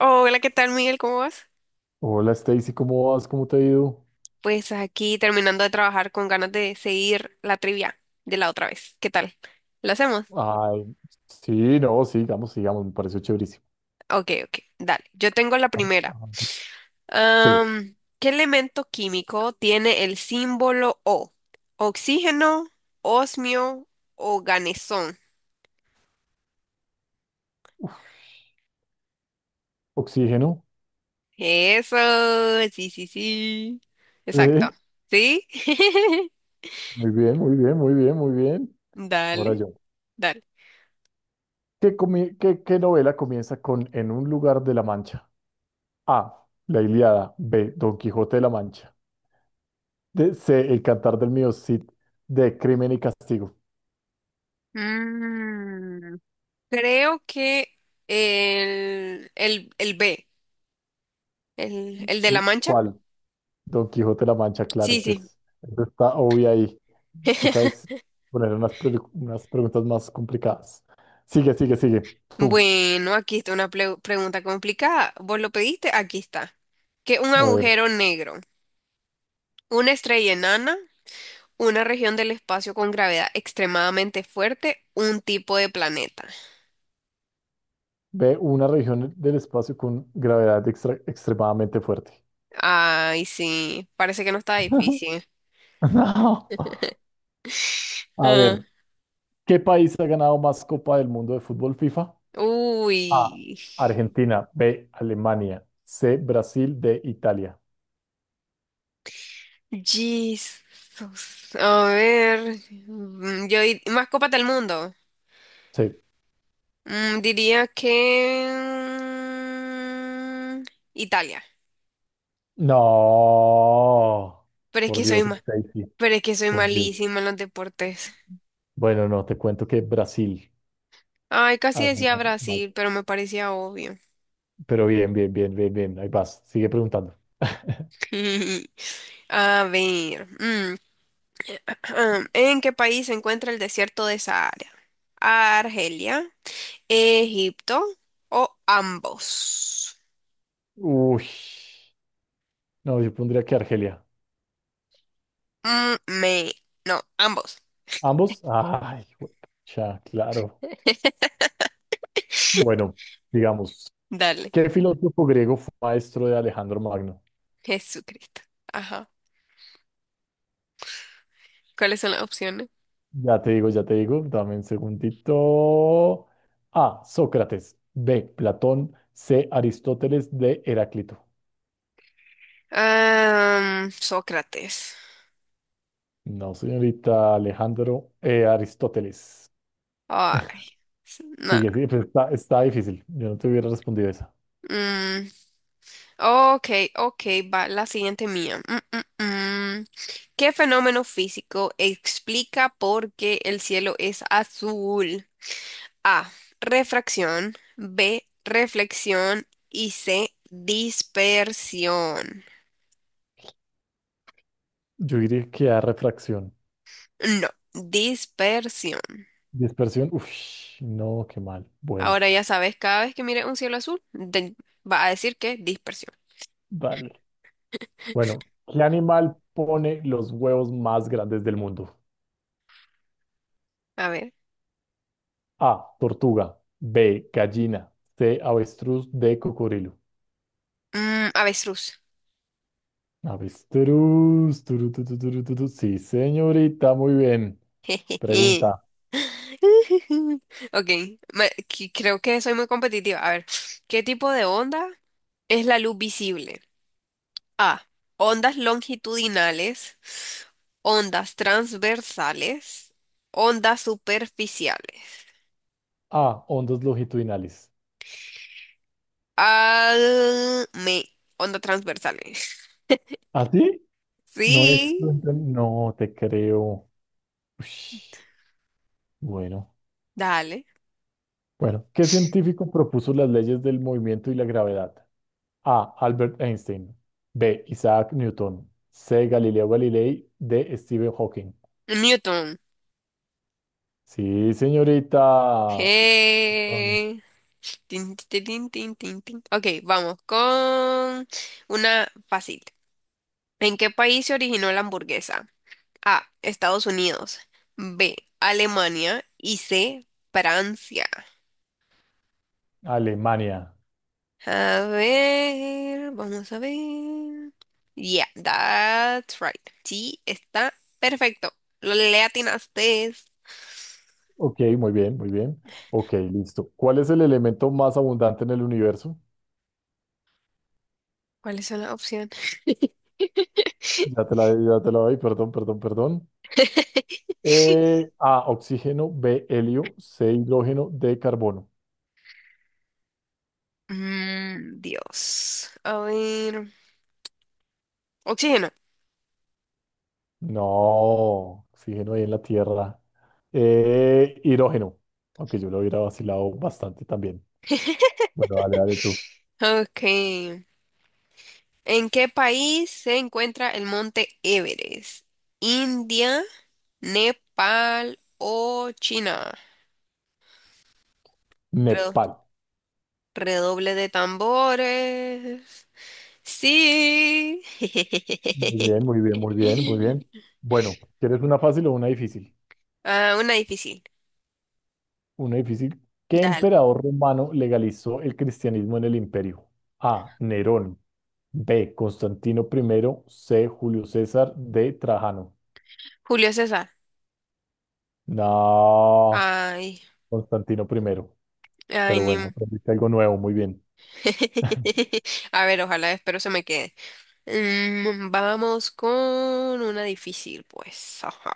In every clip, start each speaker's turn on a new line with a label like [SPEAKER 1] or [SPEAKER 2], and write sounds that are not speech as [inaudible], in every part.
[SPEAKER 1] Hola, ¿qué tal, Miguel? ¿Cómo vas?
[SPEAKER 2] Hola, Stacy, ¿cómo vas? ¿Cómo te ha ido?
[SPEAKER 1] Pues aquí terminando de trabajar con ganas de seguir la trivia de la otra vez. ¿Qué tal? ¿Lo hacemos?
[SPEAKER 2] Ay, sí, no, sigamos, sigamos, me pareció chéverísimo.
[SPEAKER 1] Ok, ok, dale. Yo tengo la
[SPEAKER 2] Ah,
[SPEAKER 1] primera.
[SPEAKER 2] ah, Sí,
[SPEAKER 1] ¿Qué elemento químico tiene el símbolo O? ¿Oxígeno, osmio o ganesón?
[SPEAKER 2] oxígeno.
[SPEAKER 1] Eso, sí, sí, sí. Exacto.
[SPEAKER 2] Sí,
[SPEAKER 1] ¿Sí? [laughs]
[SPEAKER 2] muy bien, muy bien, muy bien, muy bien. Ahora
[SPEAKER 1] Dale,
[SPEAKER 2] yo.
[SPEAKER 1] dale.
[SPEAKER 2] ¿Qué novela comienza con "En un lugar de la Mancha"? A. La Ilíada. B. Don Quijote de la Mancha. C. El Cantar del Mío Cid. D. Crimen y Castigo.
[SPEAKER 1] Mm, Creo que el B, el de la Mancha.
[SPEAKER 2] ¿Cuál? Don Quijote de la Mancha, claro,
[SPEAKER 1] Sí, sí.
[SPEAKER 2] pues, eso está obvio ahí. Toca
[SPEAKER 1] [laughs]
[SPEAKER 2] es poner unas preguntas más complicadas. Sigue, sigue, sigue. Tú,
[SPEAKER 1] Bueno, aquí está una pregunta complicada. ¿Vos lo pediste? Aquí está. Que un
[SPEAKER 2] a ver,
[SPEAKER 1] agujero negro, una estrella enana, una región del espacio con gravedad extremadamente fuerte, un tipo de planeta.
[SPEAKER 2] ve una región del espacio con gravedad extremadamente fuerte.
[SPEAKER 1] Ay, sí, parece que no está difícil.
[SPEAKER 2] [laughs] No. A
[SPEAKER 1] Ah,
[SPEAKER 2] ver, ¿qué país ha ganado más Copa del Mundo de fútbol FIFA? A.
[SPEAKER 1] uy,
[SPEAKER 2] Argentina. B. Alemania. C. Brasil. D. Italia.
[SPEAKER 1] Jesus. A ver, mascota del mundo.
[SPEAKER 2] Sí.
[SPEAKER 1] Diría que mm, Italia,
[SPEAKER 2] No.
[SPEAKER 1] pero es
[SPEAKER 2] Por
[SPEAKER 1] que soy
[SPEAKER 2] Dios, Stacy. Por Dios.
[SPEAKER 1] malísima en los deportes.
[SPEAKER 2] Bueno, no, te cuento que Brasil
[SPEAKER 1] Ay, casi
[SPEAKER 2] ha
[SPEAKER 1] decía
[SPEAKER 2] ganado más.
[SPEAKER 1] Brasil, pero me parecía obvio.
[SPEAKER 2] Pero bien, bien, bien, bien, bien. Ahí vas. Sigue preguntando.
[SPEAKER 1] [laughs] A ver, [clears throat] ¿en qué país se encuentra el desierto de Sahara? ¿Argelia, Egipto o ambos?
[SPEAKER 2] Uy. No, yo pondría que Argelia.
[SPEAKER 1] Mm, me, no, ambos.
[SPEAKER 2] ¿Ambos? Ay, ya, claro. Bueno, digamos,
[SPEAKER 1] Dale,
[SPEAKER 2] ¿qué filósofo griego fue maestro de Alejandro Magno?
[SPEAKER 1] Jesucristo. Ajá. ¿Cuáles son las opciones?
[SPEAKER 2] Ya te digo, ya te digo. Dame un segundito. A. Sócrates. B. Platón. C. Aristóteles. D. Heráclito.
[SPEAKER 1] Ah, Sócrates.
[SPEAKER 2] No, señorita, Alejandro. Aristóteles.
[SPEAKER 1] Ay, nah.
[SPEAKER 2] Sigue, sigue, pero está, está difícil. Yo no te hubiera respondido esa.
[SPEAKER 1] Mm, ok, ok, va la siguiente mía. Mm. ¿Qué fenómeno físico explica por qué el cielo es azul? A. Refracción. B. Reflexión. Y C. Dispersión.
[SPEAKER 2] Yo diría que A, refracción.
[SPEAKER 1] No, dispersión.
[SPEAKER 2] Dispersión. Uf, no, qué mal. Bueno,
[SPEAKER 1] Ahora ya sabes, cada vez que mires un cielo azul, va a decir que dispersión.
[SPEAKER 2] vale. Bueno, ¿qué animal pone los huevos más grandes del mundo?
[SPEAKER 1] A ver.
[SPEAKER 2] A, tortuga. B, gallina. C, avestruz. D, cocodrilo.
[SPEAKER 1] Avestruz.
[SPEAKER 2] Avestruz. Turu, tu, turu, tu, tu. Sí, señorita, muy bien.
[SPEAKER 1] [laughs] [laughs]
[SPEAKER 2] Pregunta.
[SPEAKER 1] Ok, creo que soy muy competitiva. A ver, ¿qué tipo de onda es la luz visible? A. Ondas longitudinales, ondas transversales, ondas superficiales.
[SPEAKER 2] A, ondas longitudinales.
[SPEAKER 1] Ah, me, Ondas transversales. [laughs]
[SPEAKER 2] ¿Así? No es...
[SPEAKER 1] Sí,
[SPEAKER 2] No te creo. Ush, bueno.
[SPEAKER 1] dale.
[SPEAKER 2] Bueno, ¿qué científico propuso las leyes del movimiento y la gravedad? A. Albert Einstein. B. Isaac Newton. C. Galileo Galilei. D. Stephen Hawking.
[SPEAKER 1] Newton.
[SPEAKER 2] Sí, señorita. Son
[SPEAKER 1] Eh, Tin, tin, tin, tin, tin, tin. Ok, vamos con una fácil. ¿En qué país se originó la hamburguesa? A. Estados Unidos. B. Alemania. Y C. Francia.
[SPEAKER 2] Alemania.
[SPEAKER 1] A ver, vamos a ver. Yeah, that's right. Sí, está perfecto. Lo le atinaste.
[SPEAKER 2] Ok, muy bien, muy bien. Ok, listo. ¿Cuál es el elemento más abundante en el universo?
[SPEAKER 1] ¿Cuáles son las opciones?
[SPEAKER 2] Ya te la doy, perdón, perdón, perdón.
[SPEAKER 1] [laughs]
[SPEAKER 2] A. Oxígeno. B. Helio. C. Hidrógeno. D. Carbono.
[SPEAKER 1] Dios. A ver. Oxígeno.
[SPEAKER 2] No, oxígeno ahí en la Tierra. Hidrógeno. Aunque yo lo hubiera vacilado bastante también. Bueno, dale, dale tú.
[SPEAKER 1] Ok. ¿En qué país se encuentra el monte Everest? ¿India, Nepal o China? Redo-
[SPEAKER 2] Nepal.
[SPEAKER 1] Redoble de tambores. Sí.
[SPEAKER 2] Muy bien, muy bien, muy bien, muy bien.
[SPEAKER 1] [laughs]
[SPEAKER 2] Bueno, ¿quieres una fácil o una difícil?
[SPEAKER 1] Ah, una difícil.
[SPEAKER 2] Una difícil. ¿Qué
[SPEAKER 1] Dale.
[SPEAKER 2] emperador romano legalizó el cristianismo en el imperio? A. Nerón. B. Constantino primero. C. Julio César. D. Trajano.
[SPEAKER 1] Julio César.
[SPEAKER 2] No,
[SPEAKER 1] Ay,
[SPEAKER 2] Constantino primero.
[SPEAKER 1] ay,
[SPEAKER 2] Pero
[SPEAKER 1] ni...
[SPEAKER 2] bueno,
[SPEAKER 1] un-
[SPEAKER 2] aprendiste algo nuevo, muy bien.
[SPEAKER 1] [laughs] A ver, ojalá, espero se me quede. Vamos con una difícil, pues. Ajá.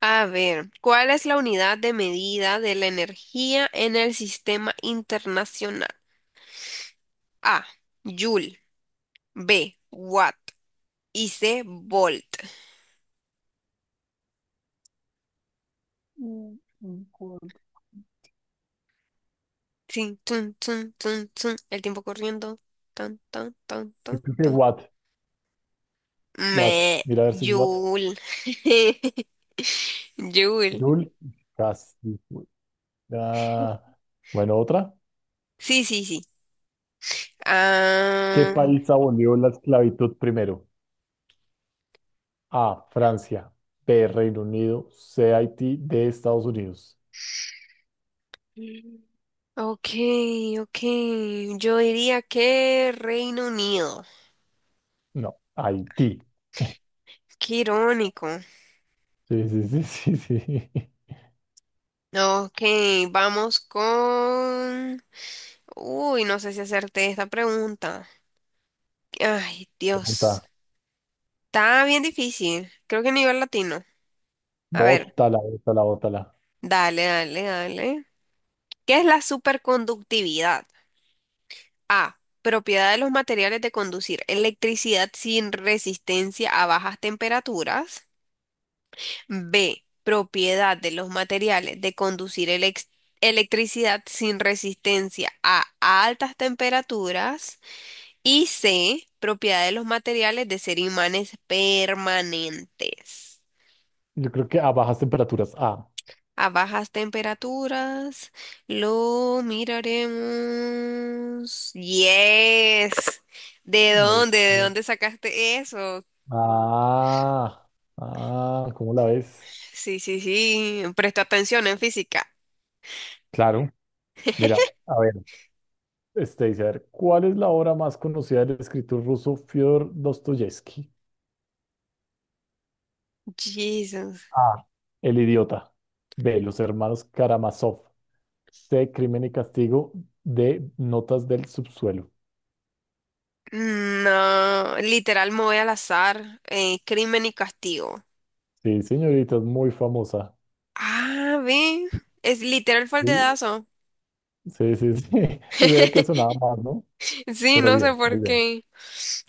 [SPEAKER 1] A ver, ¿cuál es la unidad de medida de la energía en el sistema internacional? A, Joule, B, Watt y C, Volt. Tin, tun, tun, tun, tun. El tiempo corriendo. Tan, tan, tan,
[SPEAKER 2] Yo
[SPEAKER 1] tan,
[SPEAKER 2] creo que
[SPEAKER 1] tan.
[SPEAKER 2] Watt, Watt.
[SPEAKER 1] Me,
[SPEAKER 2] Mira a ver si es Watt.
[SPEAKER 1] Joule. [laughs] Joule.
[SPEAKER 2] Jul, casi fue. Ah, bueno, otra.
[SPEAKER 1] Sí, sí, sí.
[SPEAKER 2] ¿Qué
[SPEAKER 1] Ah,
[SPEAKER 2] país abolió la esclavitud primero? A. Francia. B. Reino Unido. C. Haití. D. Estados Unidos.
[SPEAKER 1] ok, ok, yo diría que Reino Unido.
[SPEAKER 2] No, Haití.
[SPEAKER 1] Qué irónico.
[SPEAKER 2] Sí, sí, sí, [laughs] sí, sí.
[SPEAKER 1] Ok, vamos con... Uy, no sé si hacerte esta pregunta. Ay,
[SPEAKER 2] Bota,
[SPEAKER 1] Dios. Está bien difícil. Creo que nivel latino. A ver,
[SPEAKER 2] bótala, bótala, bótala.
[SPEAKER 1] dale, dale, dale. ¿Qué es la superconductividad? A. Propiedad de los materiales de conducir electricidad sin resistencia a bajas temperaturas. B. Propiedad de los materiales de conducir electricidad sin resistencia a altas temperaturas. Y C, propiedad de los materiales de ser imanes permanentes.
[SPEAKER 2] Yo creo que a bajas temperaturas. Ah,
[SPEAKER 1] A bajas temperaturas lo miraremos. Yes. ¿De dónde?
[SPEAKER 2] es.
[SPEAKER 1] ¿De dónde sacaste eso?
[SPEAKER 2] Ah, ¿Cómo la ves?
[SPEAKER 1] Sí, sí, sí. Presta atención en física.
[SPEAKER 2] Claro. Mira, a ver, este dice, a ver, ¿cuál es la obra más conocida del escritor ruso Fyodor Dostoyevsky?
[SPEAKER 1] Jesus.
[SPEAKER 2] A. El idiota. B. Los hermanos Karamazov. C. Crimen y castigo. D. Notas del subsuelo.
[SPEAKER 1] No, literal me voy al azar. Crimen y Castigo.
[SPEAKER 2] Sí, señorita, es muy famosa.
[SPEAKER 1] Ah, ve. Es literal fue el
[SPEAKER 2] Sí,
[SPEAKER 1] dedazo.
[SPEAKER 2] sí, sí, sí. [laughs] Pues era el que sonaba
[SPEAKER 1] [laughs]
[SPEAKER 2] más, ¿no?
[SPEAKER 1] Sí,
[SPEAKER 2] Pero
[SPEAKER 1] no sé
[SPEAKER 2] bien, muy
[SPEAKER 1] por
[SPEAKER 2] bien.
[SPEAKER 1] qué.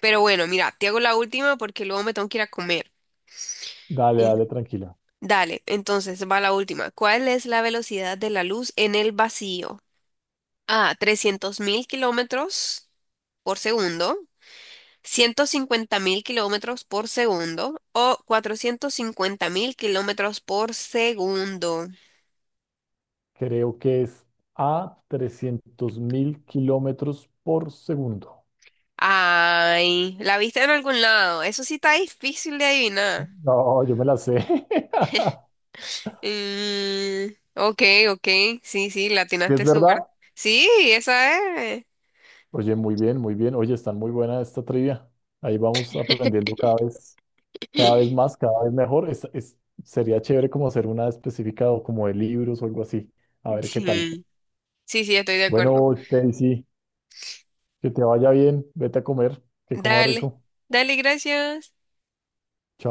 [SPEAKER 1] Pero bueno, mira, te hago la última porque luego me tengo que ir a comer.
[SPEAKER 2] Dale,
[SPEAKER 1] Y-
[SPEAKER 2] dale, tranquila.
[SPEAKER 1] Dale, entonces va la última. ¿Cuál es la velocidad de la luz en el vacío? A, 300.000 kilómetros por segundo, 150.000 kilómetros por segundo o 450.000 kilómetros por segundo.
[SPEAKER 2] Creo que es a 300.000 km por segundo.
[SPEAKER 1] Ay, la viste en algún lado. Eso sí está difícil de adivinar.
[SPEAKER 2] No, yo me la sé. [laughs]
[SPEAKER 1] Mm, ok, ok, sí, sí, la
[SPEAKER 2] ¿Sí? ¿Es
[SPEAKER 1] atinaste súper.
[SPEAKER 2] verdad?
[SPEAKER 1] Sí, esa es.
[SPEAKER 2] Oye, muy bien, muy bien. Oye, están muy buena esta trivia. Ahí vamos aprendiendo cada vez. Cada vez
[SPEAKER 1] [laughs]
[SPEAKER 2] más, cada vez mejor. Sería chévere como hacer una específica o como de libros o algo así. A ver qué tal.
[SPEAKER 1] Sí, sí, sí, estoy de acuerdo.
[SPEAKER 2] Bueno, Stacy, que te vaya bien. Vete a comer, que comas
[SPEAKER 1] Dale,
[SPEAKER 2] rico.
[SPEAKER 1] dale, gracias.